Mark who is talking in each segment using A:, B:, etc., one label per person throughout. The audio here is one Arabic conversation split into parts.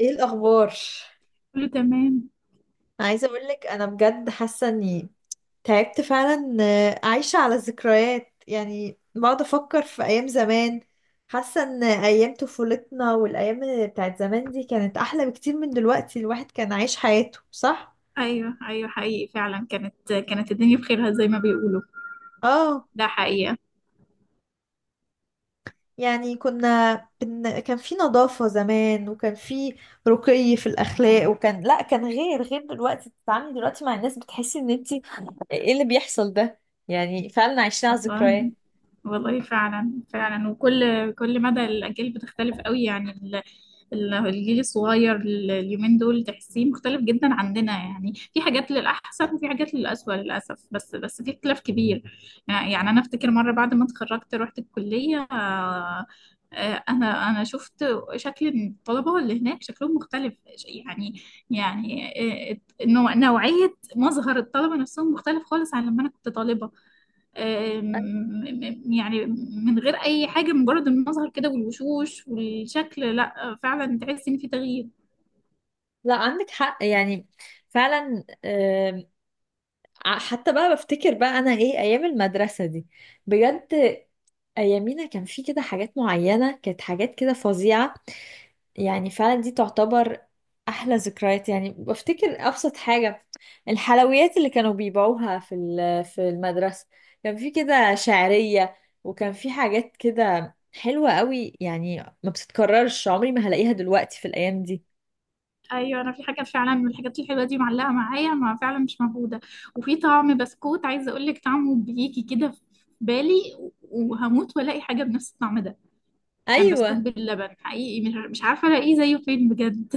A: ايه الاخبار؟
B: كله تمام.
A: عايزه اقول لك انا بجد حاسه اني تعبت فعلا، عايشه على الذكريات. يعني بقعد افكر في ايام زمان، حاسه ان ايام طفولتنا والايام بتاعت زمان دي كانت احلى بكتير من دلوقتي. الواحد كان عايش حياته صح.
B: ايوه ايوه، حقيقي فعلا. كانت الدنيا بخيرها زي ما بيقولوا.
A: اه.
B: ده حقيقة.
A: يعني كنا كان في نظافه زمان، وكان في رقي في الاخلاق، وكان لا، كان غير دلوقتي. بتتعاملي دلوقتي مع الناس بتحسي ان انتي ايه اللي بيحصل ده؟ يعني فعلا عايشين على
B: والله
A: الذكريات.
B: والله فعلا فعلا. وكل مدى الاجيال بتختلف قوي يعني. الجيل الصغير، اليومين دول تحسيه مختلف جدا عننا. يعني في حاجات للأحسن وفي حاجات للأسوأ للأسف، بس في اختلاف كبير. يعني أنا أفتكر مرة بعد ما اتخرجت رحت الكلية، أنا شفت شكل الطلبة اللي هناك، شكلهم مختلف. يعني، يعني، آه، نوعية مظهر الطلبة نفسهم مختلف خالص عن لما أنا كنت طالبة. آم، يعني من غير اي حاجه، مجرد المظهر كده والوشوش والشكل، لا فعلا تحس ان في تغيير.
A: لا عندك حق يعني فعلا. حتى بقى بفتكر بقى انا ايه ايام المدرسة دي، بجد. ايامينا كان في كده حاجات معينة، كانت حاجات كده فظيعة. يعني فعلا دي تعتبر احلى ذكريات. يعني بفتكر ابسط حاجة: الحلويات اللي كانوا بيبيعوها في في المدرسة، كان في كده شعرية، وكان في حاجات كده حلوة قوي، يعني ما بتتكررش، عمري ما هلاقيها دلوقتي في الايام دي.
B: ايوه، انا في حاجه فعلا من الحاجات الحلوه دي معلقه معايا، ما فعلا مش موجوده. وفي طعم بسكوت عايزه اقول لك طعمه بيجي كده في بالي، وهموت والاقي حاجه بنفس الطعم ده. كان بسكوت
A: ايوه.
B: باللبن حقيقي، مش عارفه الاقيه زيه فين بجد.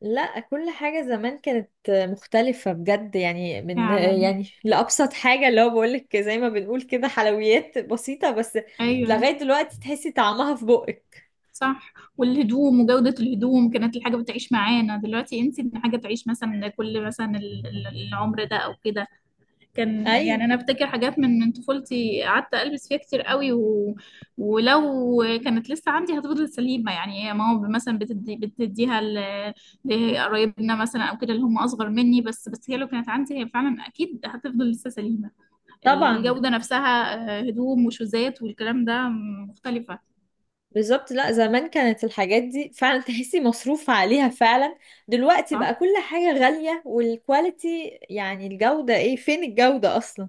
A: لا، كل حاجة زمان كانت مختلفة بجد، يعني من،
B: فعلا.
A: يعني لأبسط حاجة، اللي هو بقولك زي ما بنقول كده حلويات بسيطة بس
B: ايوه
A: لغاية دلوقتي تحسي طعمها في بقك.
B: صح. والهدوم وجودة الهدوم، كانت الحاجة بتعيش معانا. دلوقتي انسي ان حاجة تعيش مثلا كل مثلا العمر ده او كده. كان
A: أيوة.
B: يعني انا افتكر حاجات من طفولتي قعدت البس فيها كتير قوي و... ولو كانت لسه عندي هتفضل سليمة. يعني هي ماما مثلا بتديها لقرايبنا مثلا او كده، اللي هم اصغر مني، بس هي لو كانت عندي هي فعلا اكيد هتفضل لسه سليمة.
A: طبعا.
B: الجودة نفسها. آه، هدوم وشوزات والكلام ده مختلفة.
A: بالظبط. لا، زمان كانت الحاجات دي فعلا تحسي مصروف عليها فعلا. دلوقتي بقى
B: صح.
A: كل حاجة غالية، والكواليتي يعني الجودة، ايه، فين الجودة أصلا؟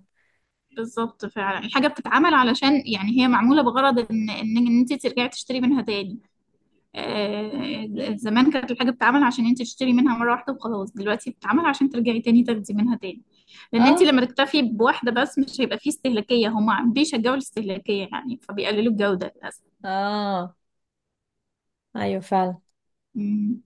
B: بالظبط، فعلا الحاجة بتتعمل علشان يعني هي معمولة بغرض ان إن انت ترجعي تشتري منها تاني. زمان كانت الحاجة بتتعمل عشان انت تشتري منها مرة واحدة وخلاص، دلوقتي بتتعمل عشان ترجعي تاني تاخدي منها تاني. لان انت
A: اه
B: لما تكتفي بواحدة بس مش هيبقى فيه استهلاكية، هما بيشجعوا الاستهلاكية يعني فبيقللوا الجودة للأسف.
A: اه، أيوة فعلا.
B: مم.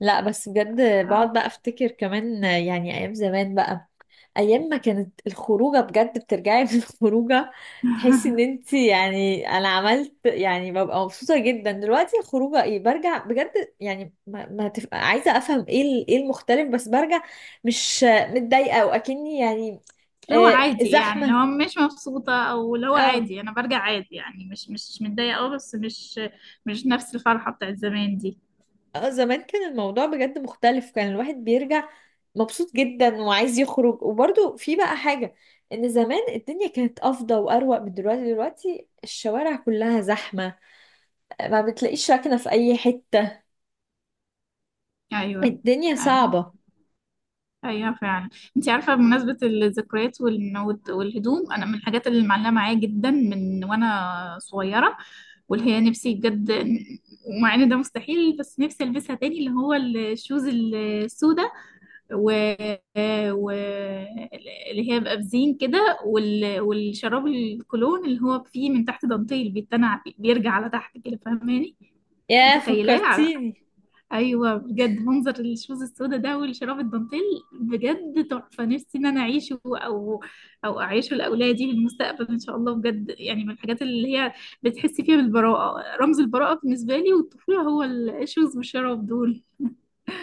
A: لا بس بجد
B: آه.
A: بقعد بقى افتكر كمان يعني ايام زمان بقى، ايام ما كانت الخروجه بجد، بترجعي من الخروجه تحسي ان انت، يعني انا عملت، يعني ببقى مبسوطه جدا. دلوقتي الخروجه، ايه، برجع بجد، يعني ما عايزه افهم ايه ايه المختلف، بس برجع مش متضايقه واكني يعني.
B: اللي هو
A: آه،
B: عادي، يعني اللي
A: زحمه.
B: هو مش مبسوطة او اللي هو
A: اه.
B: عادي، انا برجع عادي يعني مش متضايقة، اه بس مش مش نفس الفرحة بتاعت زمان دي.
A: اه، زمان كان الموضوع بجد مختلف، كان الواحد بيرجع مبسوط جدا وعايز يخرج، وبرضه في بقى حاجة، ان زمان الدنيا كانت افضل واروق من دلوقتي. دلوقتي الشوارع كلها زحمة، ما بتلاقيش راكنة في اي حتة،
B: ايوه
A: الدنيا
B: ايوه،
A: صعبة.
B: ايوه فعلا. انت عارفه، بمناسبه الذكريات والهدوم، انا من الحاجات اللي معلقه معايا جدا من وانا صغيره، واللي هي نفسي بجد، ومع ان ده مستحيل بس نفسي البسها تاني، اللي هو الشوز السوداء و... و... اللي هي بقى بزين كده، وال... والشراب الكولون اللي هو فيه من تحت دانتيل بيتنع بيرجع على تحت كده، فاهماني؟
A: يا
B: متخيلاه؟
A: فكرتيني!
B: ايوه بجد، منظر الشوز السودا ده والشراب الدانتيل بجد تحفه. نفسي ان انا اعيشه، او او اعيشه لاولادي في المستقبل ان شاء الله بجد. يعني من الحاجات اللي هي بتحسي فيها بالبراءه، رمز البراءه بالنسبه لي والطفوله هو الشوز والشراب دول.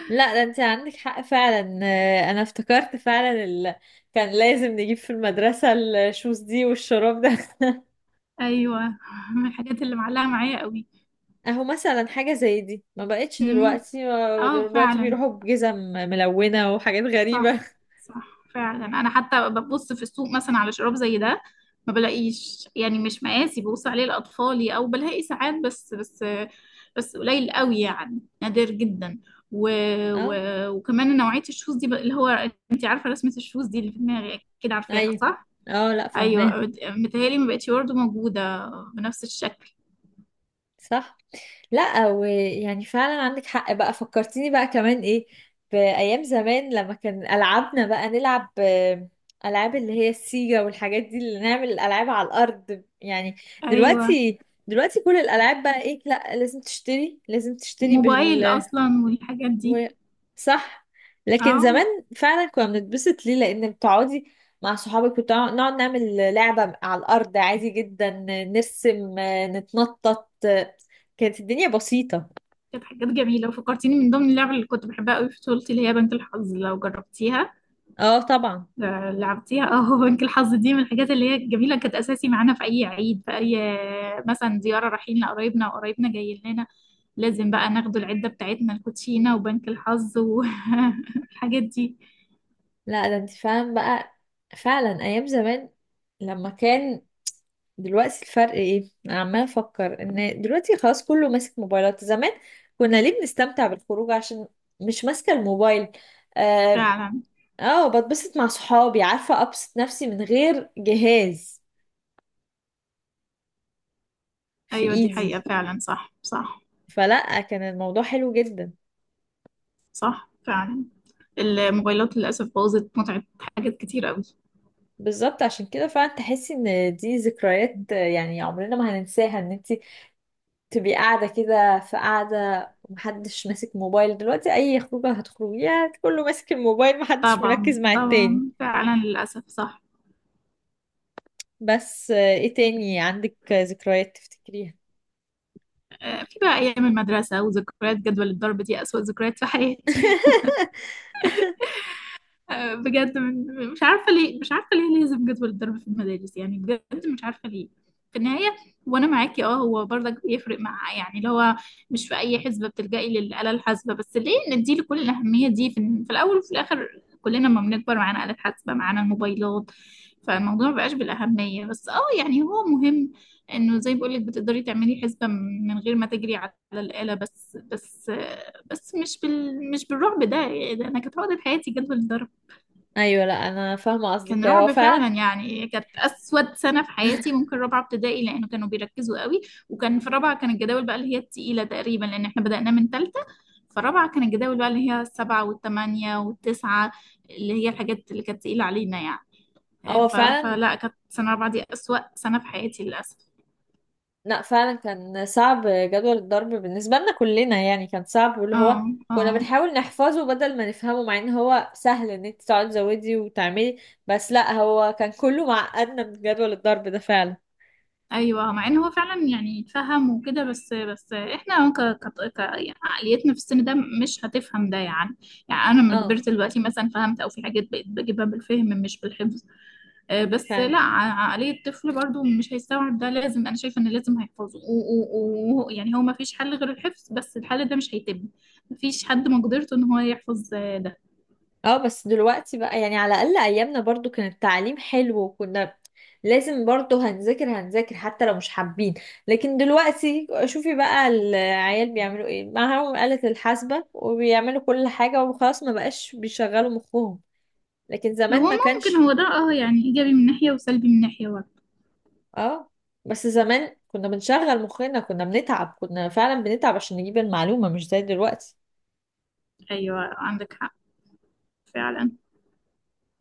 A: لا ده انت عندك حق فعلا، انا افتكرت فعلا كان لازم نجيب في المدرسة الشوز دي والشراب ده
B: ايوه من الحاجات اللي معلقه معايا قوي.
A: اهو مثلا حاجة زي دي ما بقتش
B: امم،
A: دلوقتي،
B: اه
A: دلوقتي
B: فعلا.
A: بيروحوا بجزم ملونة وحاجات
B: صح
A: غريبة.
B: صح. فعلا انا حتى ببص في السوق مثلا على شراب زي ده ما بلاقيش، يعني مش مقاسي ببص عليه لاطفالي، او بلاقي ساعات بس قليل قوي يعني نادر جدا. و... و...
A: اه.
B: وكمان نوعية الشوز دي اللي هو انت عارفة رسمة الشوز دي اللي في دماغي، اكيد عارفاها
A: ايوه.
B: صح.
A: اه، لا
B: ايوه
A: فاهماه.
B: متهيألي ما بقتش برضه موجودة بنفس الشكل.
A: صح. لا، ويعني فعلا عندك حق بقى، فكرتيني بقى كمان ايه بأيام زمان، لما كان ألعابنا بقى نلعب، ألعاب اللي هي السيجا والحاجات دي، اللي نعمل الألعاب على الأرض يعني.
B: ايوه،
A: دلوقتي دلوقتي كل الألعاب بقى ايه؟ لا لازم تشتري، لازم تشتري
B: وموبايل اصلا والحاجات دي.
A: و... صح. لكن
B: اه،
A: زمان فعلا كنا بنتبسط ليه؟ لان بتقعدي مع صحابك، نقعد نعمل لعبة على الارض عادي جدا، نرسم، نتنطط، كانت الدنيا بسيطة.
B: كانت حاجات جميلة. وفكرتيني من ضمن اللعب اللي كنت بحبها قوي في طفولتي اللي هي بنك الحظ، لو جربتيها.
A: اه طبعا.
B: لعبتيها، اه. بنك الحظ دي من الحاجات اللي هي الجميلة، كانت أساسي معانا في أي عيد، في أي مثلا زيارة رايحين لقرايبنا، وقرايبنا جايين لنا، لازم بقى ناخدوا العدة بتاعتنا الكوتشينة وبنك الحظ والحاجات دي.
A: لا ده انت فاهم بقى. فعلا ايام زمان لما كان. دلوقتي الفرق ايه؟ انا عمالة افكر ان دلوقتي خلاص كله ماسك موبايلات. زمان كنا ليه بنستمتع بالخروج؟ عشان مش ماسكة الموبايل. آه.
B: فعلا.
A: اه، بتبسط مع صحابي، عارفة، ابسط نفسي من غير جهاز في
B: أيوة دي حقيقة
A: ايدي،
B: فعلا. صح صح،
A: فلا كان الموضوع حلو جدا.
B: صح فعلا. الموبايلات للأسف بوظت متعة حاجات كتير قوي.
A: بالظبط، عشان كده فعلا تحسي ان دي ذكريات يعني عمرنا ما هننساها، ان انت تبقي قاعدة كده، في قاعدة ومحدش ماسك موبايل. دلوقتي اي خروجة هتخرجيها كله ماسك الموبايل، محدش مركز
B: طبعا
A: مع التاني.
B: طبعا، فعلا للأسف صح.
A: بس ايه تاني عندك ذكريات تفتكريها؟
B: في بقى أيام المدرسة، وذكريات جدول الضرب دي أسوأ ذكريات في حياتي. بجد، مش عارفه ليه، مش عارفه ليه لازم جدول الضرب في المدارس، يعني بجد مش عارفه ليه في النهايه. وانا معاكي، اه هو برضك بيفرق مع يعني اللي هو مش في اي حسبه بتلجئي للاله الحاسبه، بس ليه ندي لكل الاهميه دي في الاول وفي الاخر؟ كلنا لما بنكبر معانا آلة حاسبه، معانا الموبايلات، فالموضوع مبقاش بالاهميه. بس اه يعني هو مهم انه زي ما بقولك بتقدري تعملي حسبه من غير ما تجري على الاله، بس مش بال مش بالرعب ده، يعني ده انا كانت عقدة حياتي جدول الضرب.
A: ايوه. لا انا فاهمة
B: كان
A: قصدك، هو
B: رعب
A: فعلا،
B: فعلا، يعني كانت اسود سنه في حياتي ممكن رابعه ابتدائي، لانه كانوا بيركزوا قوي. وكان في رابعه كان الجداول بقى اللي هي التقيله تقريبا، لان احنا بدأنا من ثالثه، فرابعه كان الجداول بقى اللي هي السبعه والثمانيه والتسعه، اللي هي الحاجات اللي كانت تقيله علينا يعني.
A: هو فعلا.
B: فلا كانت سنه رابعه دي اسوأ سنه في حياتي للاسف.
A: لا فعلا كان صعب جدول الضرب بالنسبة لنا كلنا، يعني كان صعب، واللي هو
B: اه، اه.
A: كنا بنحاول نحفظه بدل ما نفهمه، مع ان هو سهل ان انت تقعدي تزودي وتعملي، بس لا هو كان كله معقدنا من جدول الضرب ده فعلا.
B: ايوه، مع ان هو فعلا يعني يتفهم وكده، بس احنا ك... يعني عقليتنا في السن ده مش هتفهم ده يعني. يعني انا لما
A: اه
B: كبرت دلوقتي مثلا فهمت، او في حاجات بقيت بجيبها بالفهم مش بالحفظ. بس
A: فعلا.
B: لا، عقلية الطفل برضو مش هيستوعب ده، لازم. انا شايفه ان لازم هيحفظه، ويعني يعني هو ما فيش حل غير الحفظ، بس الحل ده مش هيتم. ما فيش حد مقدرته ان هو يحفظ ده.
A: اه، بس دلوقتي بقى يعني على الأقل أيامنا برضو كان التعليم حلو، وكنا لازم برضو هنذاكر هنذاكر حتى لو مش حابين. لكن دلوقتي شوفي بقى العيال بيعملوا ايه، معاهم آلة الحاسبة وبيعملوا كل حاجة وخلاص، ما بقاش بيشغلوا مخهم. لكن زمان
B: هو
A: ما
B: ممكن
A: كانش.
B: هو ده، اه يعني ايجابي من ناحية وسلبي من ناحية برضه.
A: اه، بس زمان كنا بنشغل مخنا، كنا بنتعب، كنا فعلا بنتعب عشان نجيب المعلومة مش زي دلوقتي.
B: ايوه عندك حق فعلا.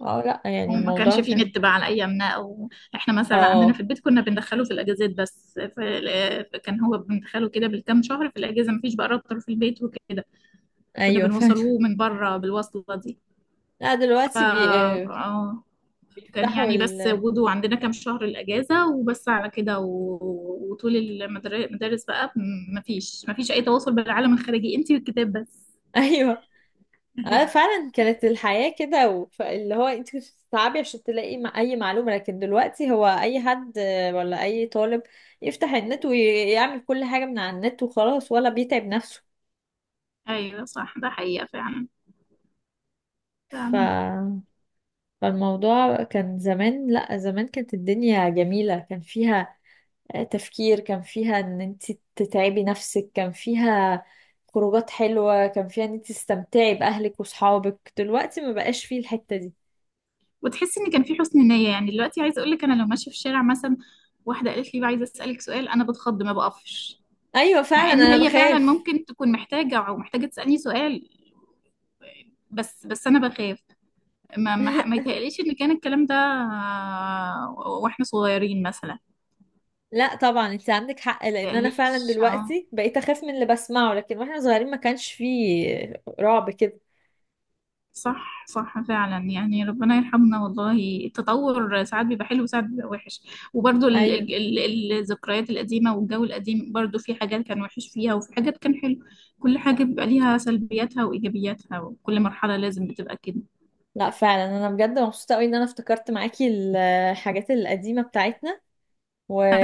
A: اه، لا يعني
B: وما
A: الموضوع
B: كانش فيه
A: كان.
B: نت بقى على ايامنا، او احنا مثلا عندنا في
A: اه
B: البيت كنا بندخله في الاجازات بس. كان هو بندخله كده بالكام شهر في الاجازه، مفيش بقى راوتر في البيت وكده، كنا
A: ايوه فعلا.
B: بنوصلوه من بره بالوصله دي.
A: لا
B: ف
A: دلوقتي
B: آه، كان
A: بيفتحوا.
B: يعني بس وجوده عندنا كام شهر الاجازه وبس على كده. و... وطول المدارس بقى مفيش اي تواصل بالعالم الخارجي، انتي والكتاب بس.
A: ايوه، اه
B: ايوه
A: فعلا، كانت الحياة كده اللي هو انت كنت بتتعبي عشان تلاقي اي معلومة، لكن دلوقتي هو اي حد، ولا اي طالب يفتح النت ويعمل كل حاجة من على النت وخلاص، ولا بيتعب نفسه.
B: ايوه، صح ده حقيقه فعلا.
A: ف...
B: فعلا.
A: فالموضوع كان زمان، لا زمان كانت الدنيا جميلة، كان فيها تفكير، كان فيها ان انت تتعبي نفسك، كان فيها خروجات حلوة، كان فيها ان انت تستمتعي بأهلك وصحابك، دلوقتي ما بقاش فيه الحتة دي.
B: وتحس ان كان في حسن نية. يعني دلوقتي عايزة اقول لك انا لو ماشية في الشارع مثلا واحدة قالت لي بقى عايزة اسألك سؤال، انا بتخض ما بقفش.
A: ايوه
B: مع
A: فعلا
B: ان
A: انا
B: هي فعلا
A: بخاف.
B: ممكن تكون محتاجة او محتاجة تسألني سؤال، بس انا بخاف. ما يتهيأليش ان كان الكلام ده، واحنا صغيرين مثلا، ما
A: لا طبعا انت عندك حق، لان انا فعلا
B: يتهيأليش.
A: دلوقتي بقيت اخاف من اللي بسمعه، لكن واحنا صغيرين ما كانش فيه رعب كده.
B: صح صح فعلا. يعني ربنا يرحمنا والله، التطور ساعات بيبقى حلو وساعات بيبقى وحش. وبرضو
A: ايوه.
B: الذكريات القديمة والجو القديم برضو في حاجات كان وحش فيها وفي حاجات كان حلو. كل
A: لا،
B: حاجة بيبقى ليها سلبياتها وإيجابياتها، وكل مرحلة لازم بتبقى كده.
A: لا فعلا انا بجد مبسوطه قوي ان انا افتكرت معاكي الحاجات القديمه بتاعتنا،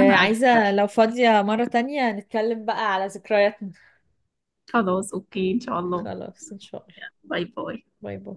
B: أنا أكتر.
A: لو فاضيه مره تانية نتكلم بقى على ذكرياتنا.
B: خلاص أوكي إن شاء الله.
A: خلاص ان شاء الله.
B: باي باي.
A: باي باي.